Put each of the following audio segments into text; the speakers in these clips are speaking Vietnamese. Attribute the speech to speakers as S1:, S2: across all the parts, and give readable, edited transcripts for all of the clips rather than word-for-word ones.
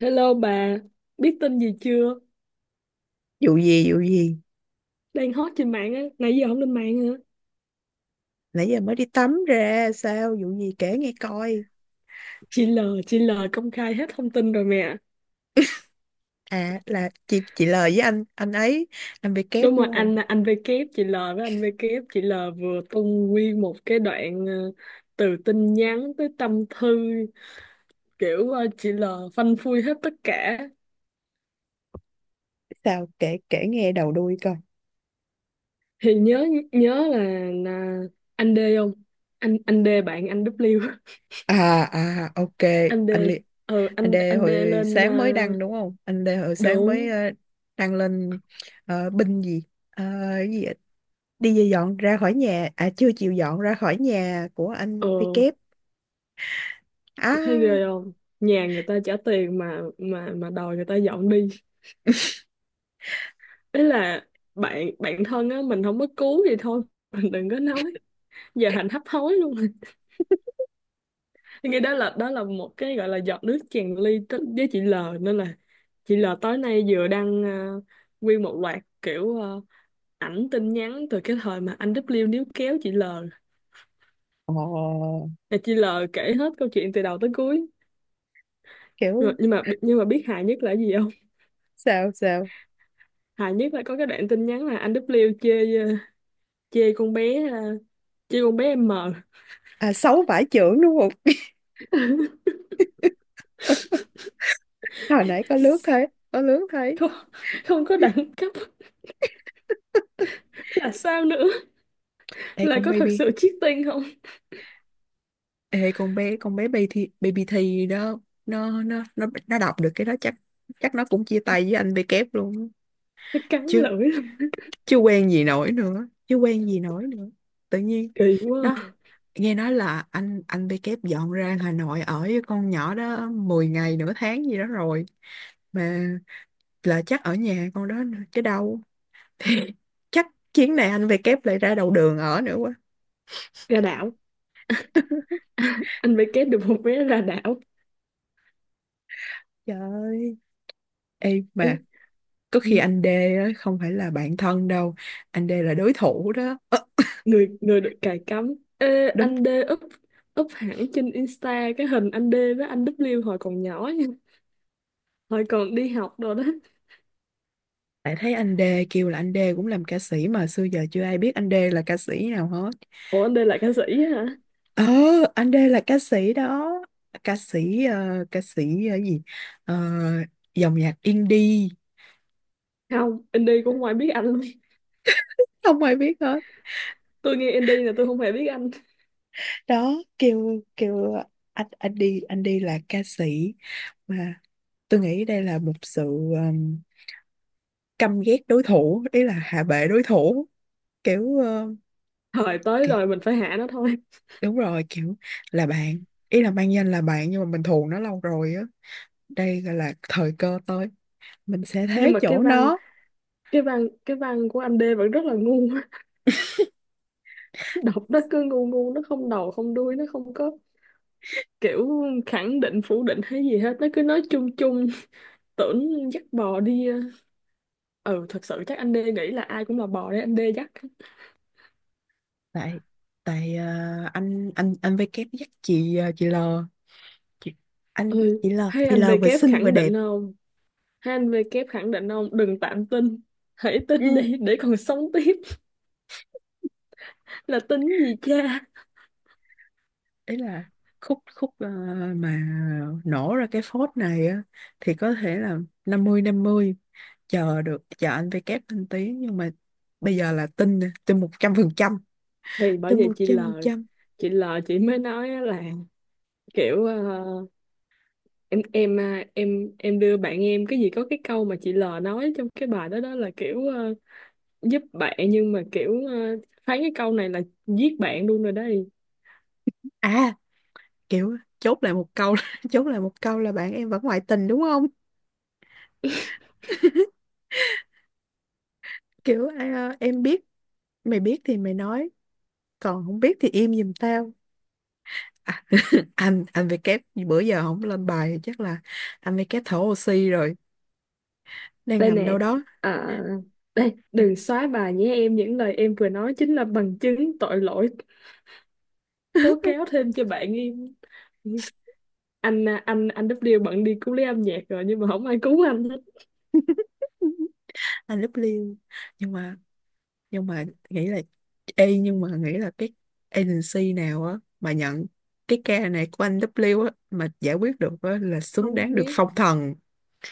S1: Hello bà, biết tin gì chưa?
S2: Vụ gì?
S1: Đang hot trên mạng á, nãy giờ không lên mạng hả?
S2: Nãy giờ mới đi tắm ra. Sao? Vụ gì? Kể nghe coi.
S1: Chị L, chị L công khai hết thông tin rồi mẹ.
S2: À, là chị lời với anh ấy. Anh bị kép
S1: Đúng rồi,
S2: đúng không?
S1: anh V kép, chị L với anh V kép, chị L vừa tung nguyên một cái đoạn từ tin nhắn tới tâm thư kiểu chị L phanh phui hết tất cả.
S2: Sao? Kể kể nghe đầu đuôi coi.
S1: Thì nhớ nhớ là anh D không? Anh D bạn anh W,
S2: À, ok.
S1: anh D.
S2: anh Li-
S1: Ừ
S2: anh
S1: anh
S2: Đê
S1: anh D
S2: hồi
S1: lên
S2: sáng mới đăng đúng không? Anh Đê hồi sáng mới
S1: đúng.
S2: ờ, đăng lên. Binh gì? Ờ, cái gì ạ? Đi về dọn ra khỏi nhà? À, chưa chịu dọn ra khỏi nhà của anh với
S1: Ừ.
S2: kép.
S1: Thấy
S2: À.
S1: ghê không? Nhà người ta trả tiền mà mà đòi người ta dọn đi. Ý là bạn bạn thân á, mình không có cứu gì thôi. Mình đừng có nói. Giờ thành hấp hối luôn. rồi. Cái đó là một cái gọi là giọt nước tràn ly tới- với chị L, nên là chị L tối nay vừa đăng nguyên một loạt kiểu ảnh tin nhắn từ cái thời mà anh W níu kéo chị L.
S2: Ồ.
S1: Là chị L kể hết câu chuyện từ đầu tới cuối. Rồi,
S2: Kiểu.
S1: nhưng mà biết hài nhất là cái gì không?
S2: Sao sao?
S1: Hài nhất là có cái đoạn tin nhắn là anh W chê chê con bé ha, chê con bé M.
S2: À, xấu vải chưởng đúng. Hồi nãy có lướt thấy.
S1: Không, không có đẳng cấp là sao nữa,
S2: Ê,
S1: là
S2: con
S1: có thật
S2: baby.
S1: sự cheating không.
S2: Ê con bé baby thì đó. Nó đọc được cái đó chắc. Chắc nó cũng chia tay với anh bê kép luôn á.
S1: Nó cắn
S2: Chứ
S1: lưỡi lắm.
S2: chứ quen gì nổi nữa chứ quen gì nổi nữa Tự nhiên.
S1: Kỳ quá
S2: Đó.
S1: à.
S2: Nghe nói là anh bê kép dọn ra Hà Nội ở với con nhỏ đó 10 ngày nửa tháng gì đó rồi. Mà là chắc ở nhà con đó nữa chứ đâu. Thì chắc chuyến này anh bê kép lại ra đầu đường ở nữa quá.
S1: Ra đảo. Anh phải kết được một vé ra đảo.
S2: Trời ơi! Ê
S1: Ê,
S2: mà có
S1: ừ,
S2: khi anh D á, không phải là bạn thân đâu. Anh D là đối thủ đó. Ơ.
S1: người người được cài cắm. Ê,
S2: Đúng.
S1: anh D up up hẳn trên Insta cái hình anh D với anh W hồi còn nhỏ nha, hồi còn đi học rồi đó.
S2: Lại thấy anh D kêu là anh D cũng làm ca sĩ. Mà xưa giờ chưa ai biết anh D là ca sĩ nào hết.
S1: Ủa anh D là ca sĩ á hả?
S2: Ờ, anh D là ca sĩ đó. Ca sĩ ca sĩ gì? Ờ, Dòng nhạc indie.
S1: Không, anh D cũng không ai biết anh luôn.
S2: Không ai biết hết.
S1: Tôi nghe anh D là tôi không hề biết anh.
S2: Đó. Kêu kêu anh anh đi là ca sĩ. Mà tôi nghĩ đây là một sự um, căm ghét đối thủ. Ý là hạ bệ đối thủ. Kiểu,
S1: Thời tới
S2: kiểu,
S1: rồi mình phải hạ nó thôi.
S2: đúng rồi. Kiểu là bạn. Ý là mang danh là bạn nhưng mà mình thù nó lâu rồi á. Đây gọi là thời cơ tới. Mình sẽ thế
S1: Nhưng mà cái
S2: chỗ
S1: văn
S2: nó.
S1: cái văn cái văn của anh D vẫn rất là ngu. Đọc nó cứ ngu ngu, nó không đầu không đuôi, nó không có kiểu khẳng định phủ định hay gì hết, nó cứ nói chung chung. Tưởng dắt bò đi ờ. Ừ thật sự chắc anh D nghĩ là ai cũng là bò đấy anh D dắt.
S2: Tại tại ờ, anh với kép dắt chị chị L. Chị, anh
S1: Ừ,
S2: chị L.
S1: hay
S2: Chị L
S1: anh V
S2: vừa
S1: kép
S2: xinh vừa
S1: khẳng
S2: đẹp.
S1: định không, hay anh V kép khẳng định không, đừng tạm tin, hãy tin
S2: Ừ.
S1: đi để còn sống tiếp. Là tin gì cha.
S2: Ý là khúc khúc ờ, mà nổ ra cái phốt này á thì có thể là 50/50. Chờ được chờ anh với kép lên tiếng nhưng mà bây giờ là tin nè, tin 100%,
S1: Thì bởi
S2: tin
S1: vậy
S2: một
S1: chị
S2: trăm
S1: L,
S2: phần trăm.
S1: chị mới nói á là kiểu em à, em đưa bạn em cái gì có cái câu mà chị L nói trong cái bài đó đó là kiểu giúp bạn nhưng mà kiểu phán cái câu này là giết bạn luôn rồi đây.
S2: À, kiểu chốt lại một câu là, chốt lại một câu là bạn em vẫn ngoại tình đúng không? Kiểu à, em biết. Mày biết thì mày nói, còn không biết thì im giùm tao. À. Anh về kép bữa giờ không lên bài chắc là anh về kép thở oxy rồi, đang
S1: Đây
S2: nằm đâu
S1: nè.
S2: đó.
S1: À, đây đừng xóa bài nhé em, những lời em vừa nói chính là bằng chứng tội lỗi tố cáo thêm cho bạn em. Anh à, anh W bận đi cứu lấy âm nhạc rồi nhưng mà không ai cứu anh hết.
S2: Anh lúc liêu. Nhưng mà nhưng mà nghĩ là ê nhưng mà nghĩ là cái agency nào á mà nhận cái ca này của anh W á mà giải quyết được á là xứng
S1: Không
S2: đáng được
S1: biết
S2: phong thần.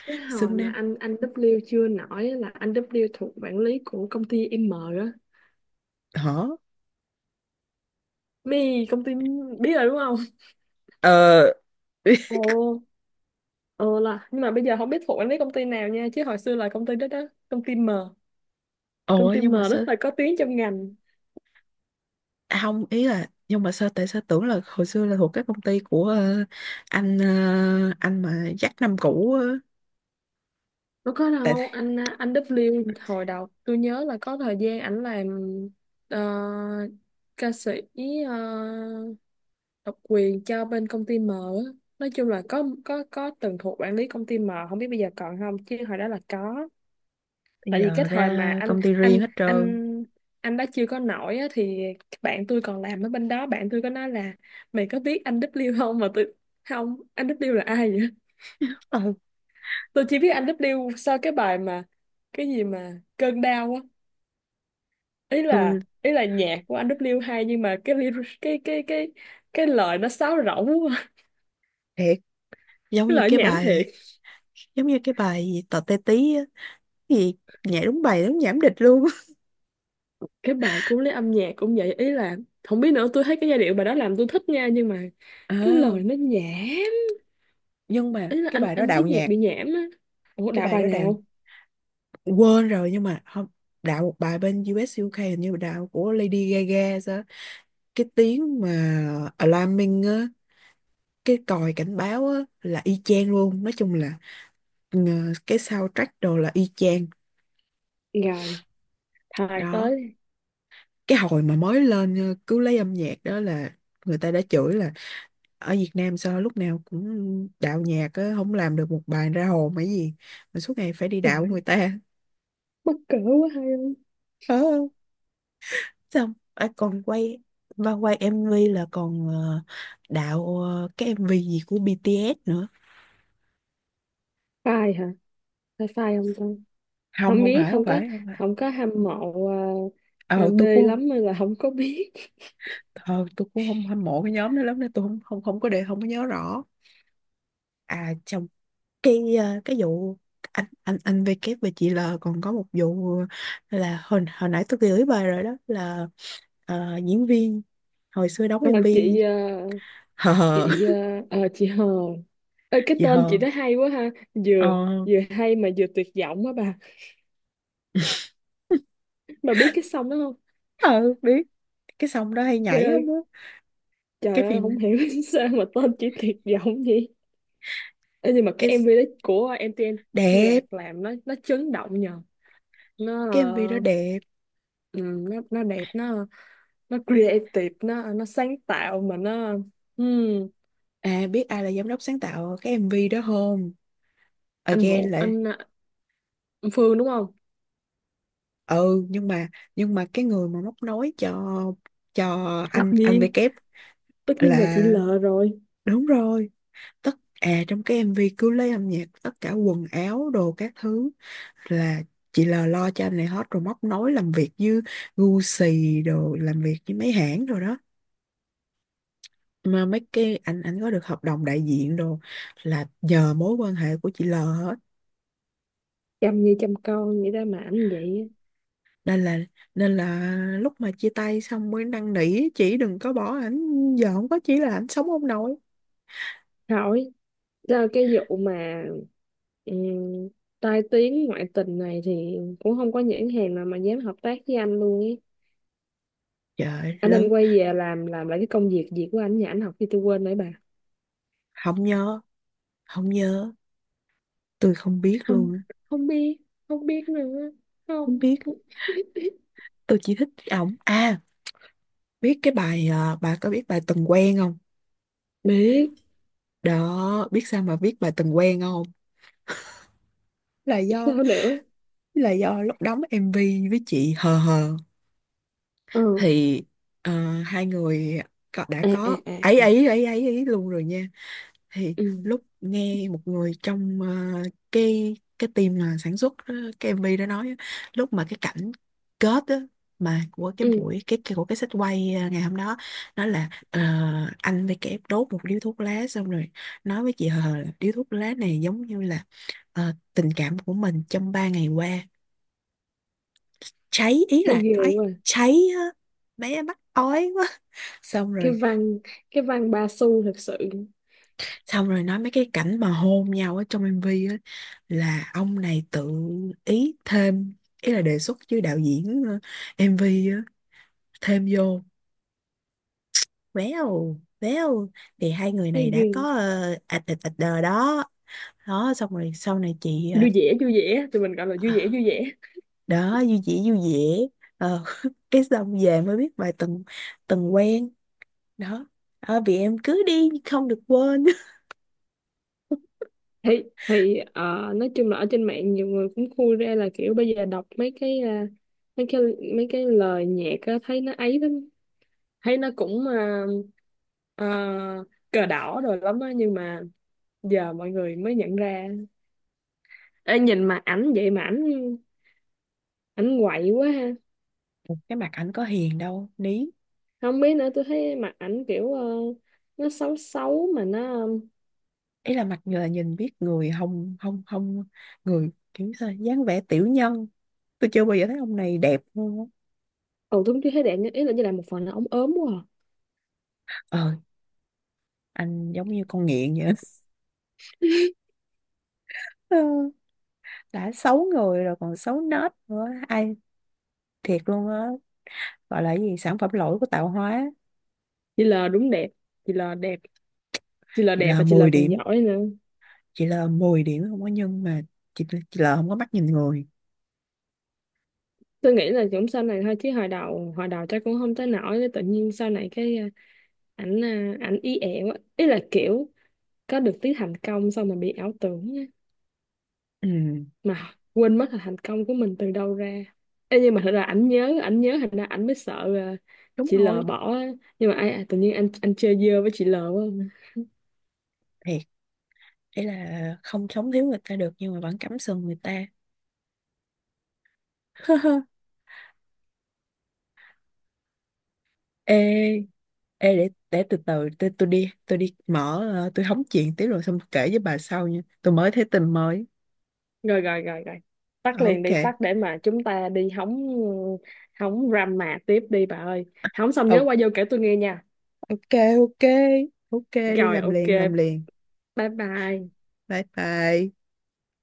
S1: cái hồi
S2: Xứng
S1: mà
S2: đáng.
S1: anh W chưa nổi á là anh W thuộc quản lý của công ty M á.
S2: Hả?
S1: Mi công ty, biết rồi đúng không?
S2: Ờ.
S1: Ồ, ờ là nhưng mà bây giờ không biết thuộc anh biết công ty nào nha, chứ hồi xưa là công ty đó đó, công ty M. Công
S2: Ủa
S1: ty M
S2: nhưng mà sao?
S1: rất là có tiếng trong ngành.
S2: À, không ý là nhưng mà sao? Tại sao tưởng là hồi xưa là thuộc cái công ty của anh anh mà dắt năm cũ á.
S1: Nó có đâu,
S2: Tại
S1: anh W hồi đầu tôi nhớ là có thời gian ảnh làm ờ, ca sĩ ờ, độc quyền cho bên công ty M á. Nói chung là có từng thuộc quản lý công ty M, không biết bây giờ còn không chứ hồi đó là có.
S2: bây
S1: Tại vì cái
S2: giờ
S1: thời mà
S2: ra
S1: anh
S2: công ty riêng
S1: anh
S2: hết trơn.
S1: anh anh đã chưa có nổi á, thì bạn tôi còn làm ở bên đó, bạn tôi có nói là mày có biết anh W không mà tôi không, anh W là ai vậy.
S2: Ờ,
S1: Tôi chỉ biết anh W sau cái bài mà cái gì mà cơn đau á. ý là
S2: tôi
S1: ý là nhạc của anh W hay nhưng mà cái lyric- cái cái lời nó sáo rỗng quá.
S2: thiệt giống
S1: Cái
S2: như
S1: lời
S2: cái
S1: nhảm thiệt.
S2: bài, giống như cái bài gì tò te tí á. Cái gì nhảy đúng bài đúng nhảm địch luôn.
S1: Cái bài cũng lấy âm nhạc cũng vậy, ý là không biết nữa, tôi thấy cái giai điệu bài đó làm tôi thích nha nhưng mà cái
S2: À,
S1: lời nó nhẹ,
S2: nhưng mà
S1: ý là
S2: cái
S1: anh
S2: bài đó
S1: anh
S2: đạo
S1: biết nhạc
S2: nhạc.
S1: bị nhảm á. Ủa
S2: Cái
S1: đạo
S2: bài
S1: bài
S2: đó đạo,
S1: nào?
S2: quên rồi nhưng mà không, đạo một bài bên U.S. u UK hình như đạo của Lady Gaga sao á. Cái tiếng mà alarming á, cái còi cảnh báo á là y chang luôn. Nói chung là ừ, cái soundtrack đồ là y chang.
S1: Rồi thời
S2: Đó,
S1: tới.
S2: cái hồi mà mới lên cứ lấy âm nhạc đó là người ta đã chửi là ở Việt Nam sao lúc nào cũng đạo nhạc á, không làm được một bài ra hồn hay gì mà suốt ngày phải đi
S1: Trời
S2: đạo
S1: ơi,
S2: người ta.
S1: mắc cỡ quá hay không.
S2: ờ, Xong à, còn quay và quay MV là còn đạo cái MV gì của BTS nữa.
S1: Phai hả? Phải phai không ta?
S2: không
S1: Không
S2: không
S1: biết,
S2: phải không
S1: không có,
S2: phải không phải.
S1: không có hâm mộ à, à,
S2: Ờ
S1: B
S2: tôi cũng không.
S1: lắm nên là không có biết.
S2: Ờ, tôi cũng không hâm mộ cái nhóm đó lắm nên tôi không không không có để không có nhớ rõ. À, trong cái cái vụ anh V K và chị L còn có một vụ là hồi hồi nãy tôi gửi bài rồi đó là diễn viên hồi xưa đóng
S1: Ờ,
S2: MV. Hờ hờ
S1: chị à, ờ, chị Hờ ơi, cái
S2: chị
S1: tên chị
S2: hờ.
S1: đó hay quá ha,
S2: Ờ.
S1: vừa vừa hay mà vừa tuyệt vọng á bà. Bà biết cái song đó không?
S2: Ờ biết. Cái song đó hay
S1: Trời
S2: nhảy lắm
S1: ơi,
S2: á.
S1: trời
S2: Cái
S1: ơi, không
S2: phim,
S1: hiểu sao mà tên chị tuyệt vọng vậy. Ê, nhưng mà cái
S2: cái
S1: MV đó của MTNT.
S2: đẹp,
S1: Nhạc làm nó chấn động nhờ, nó
S2: cái MV đó đẹp.
S1: ừ, nó đẹp, nó creative, nó sáng tạo mà nó ừm,
S2: À, biết ai là giám đốc sáng tạo cái MV đó không?
S1: anh
S2: Again
S1: Vũ,
S2: lại.
S1: anh, anh Phương đúng không.
S2: Ừ nhưng mà cái người mà móc nối cho cho
S1: Tất
S2: anh V
S1: nhiên,
S2: kép
S1: tất nhiên là
S2: là
S1: chị L rồi.
S2: đúng rồi, tất. À, trong cái MV cứ lấy âm nhạc tất cả quần áo đồ các thứ là chị L lo cho anh này hết, rồi móc nối làm việc với Gucci đồ, làm việc với mấy hãng rồi đó mà mấy cái anh có được hợp đồng đại diện đồ là nhờ mối quan hệ của chị L hết.
S1: Chăm như chăm con vậy ra mà ảnh vậy
S2: Nên là nên là lúc mà chia tay xong mới năn nỉ chị đừng có bỏ ảnh, giờ không có chỉ là ảnh sống không nổi.
S1: á. Hỏi ra cái vụ mà ừm, tai tiếng ngoại tình này thì cũng không có nhãn hàng nào mà dám hợp tác với anh luôn ấy.
S2: Trời ơi,
S1: Anh
S2: lớn.
S1: nên quay về làm lại cái công việc gì của anh, nhà anh học thì tôi quên nãy bà.
S2: Không nhớ, không nhớ, tôi không biết
S1: Không,
S2: luôn á.
S1: không biết, không biết nữa,
S2: Không
S1: không
S2: biết. Tôi chỉ thích ổng. À biết cái bài, à, bà có biết bài từng quen không?
S1: biết
S2: Đó, biết sao mà biết bài từng quen không? là do
S1: sao nữa.
S2: là do lúc đóng MV với chị hờ hờ
S1: Ừ.
S2: thì ờ, hai người đã
S1: À à
S2: có ấy
S1: à à.
S2: ấy ấy ấy ấy luôn rồi nha. Thì
S1: Ừ
S2: lúc nghe một người trong cái team mà sản xuất cái MV đó nói á, lúc mà cái cảnh kết á, mà của cái
S1: ừ.
S2: buổi cái của cái set quay ngày hôm đó nói là anh với kẻ đốt một điếu thuốc lá xong rồi nói với chị Hờ là điếu thuốc lá này giống như là tình cảm của mình trong 3 ngày qua cháy, ý
S1: Thấy
S2: là
S1: ghê
S2: nói
S1: quá.
S2: cháy á, bé mắc ói quá. xong
S1: cái
S2: rồi
S1: văn cái văn ba xu thật sự.
S2: xong rồi nói mấy cái cảnh mà hôn nhau ở trong MV á là ông này tự ý thêm, ý là đề xuất với đạo diễn MV á, thêm vô véo véo thì hai người
S1: Thấy
S2: này đã có
S1: ghê.
S2: ạch ạch ạch đờ đó. Đó, xong rồi sau này chị
S1: Vui vẻ vui vẻ, tụi mình gọi là vui vẻ vui vẻ.
S2: đó vui vẻ vui vẻ. ờ, cái xong về mới biết bài từng từng quen. Đó, vì em cứ đi không được quên.
S1: Thì nói chung là ở trên mạng nhiều người cũng khui ra là kiểu bây giờ đọc mấy cái à, mấy cái mấy cái lời nhạc á, thấy nó ấy lắm. Thấy nó cũng ờ, cờ đỏ rồi lắm á, nhưng mà giờ mọi người mới nhận ra. Ê, nhìn mặt ảnh vậy mà ảnh ảnh quậy quá ha.
S2: Cái mặt ảnh có hiền đâu ní.
S1: Không biết nữa, tôi thấy mặt ảnh kiểu nó xấu xấu mà nó
S2: Ý là mặt người nhìn biết người, không không không người kiểu sao dáng vẻ tiểu nhân. Tôi chưa bao giờ thấy ông này đẹp luôn á.
S1: ừ, tôi cũng chưa thấy đẹp nhưng ý là như là một phần là ống ốm quá à.
S2: Ờ, anh giống như con nghiện vậy. Ừ. Đã xấu người rồi còn xấu nết nữa, ai thiệt luôn á, gọi là cái gì sản phẩm lỗi của tạo hóa.
S1: Chị L đúng đẹp. Chị L đẹp. Chị L
S2: Chị
S1: đẹp
S2: là
S1: và chị L
S2: 10
S1: còn
S2: điểm,
S1: giỏi nữa.
S2: chị là 10 điểm không có nhân mà. chị, chị là không có mắt nhìn người.
S1: Tôi nghĩ là cũng sau này thôi, chứ hồi đầu chắc cũng không tới nổi, tự nhiên sau này cái ảnh à, ảnh ý ẹ quá, ý là kiểu có được tí thành công xong mà bị ảo tưởng
S2: Ừ,
S1: mà quên mất là thành công của mình từ đâu ra. Ê, nhưng mà thật ra ảnh nhớ thành ra ảnh mới sợ là
S2: đúng
S1: chị L
S2: rồi,
S1: bỏ á. Nhưng mà ai, ai tự nhiên anh chơi dơ với chị L quá không?
S2: thiệt. Ý là không sống thiếu người ta được nhưng mà vẫn cắm sừng người ta. Ê. Ê, để từ từ tôi tôi đi mở tôi hóng chuyện tiếp rồi xong kể với bà sau nha, tôi mới thấy tin mới.
S1: Rồi rồi, tắt
S2: Ờ,
S1: liền
S2: ok.
S1: đi, tắt để mà chúng ta đi hóng, hóng drama tiếp đi bà ơi. Hóng xong
S2: Ờ,
S1: nhớ qua vô kể tôi nghe nha.
S2: ok. Ok ok ok đi
S1: Rồi
S2: làm
S1: ok,
S2: liền, làm liền.
S1: bye bye.
S2: Bye bye.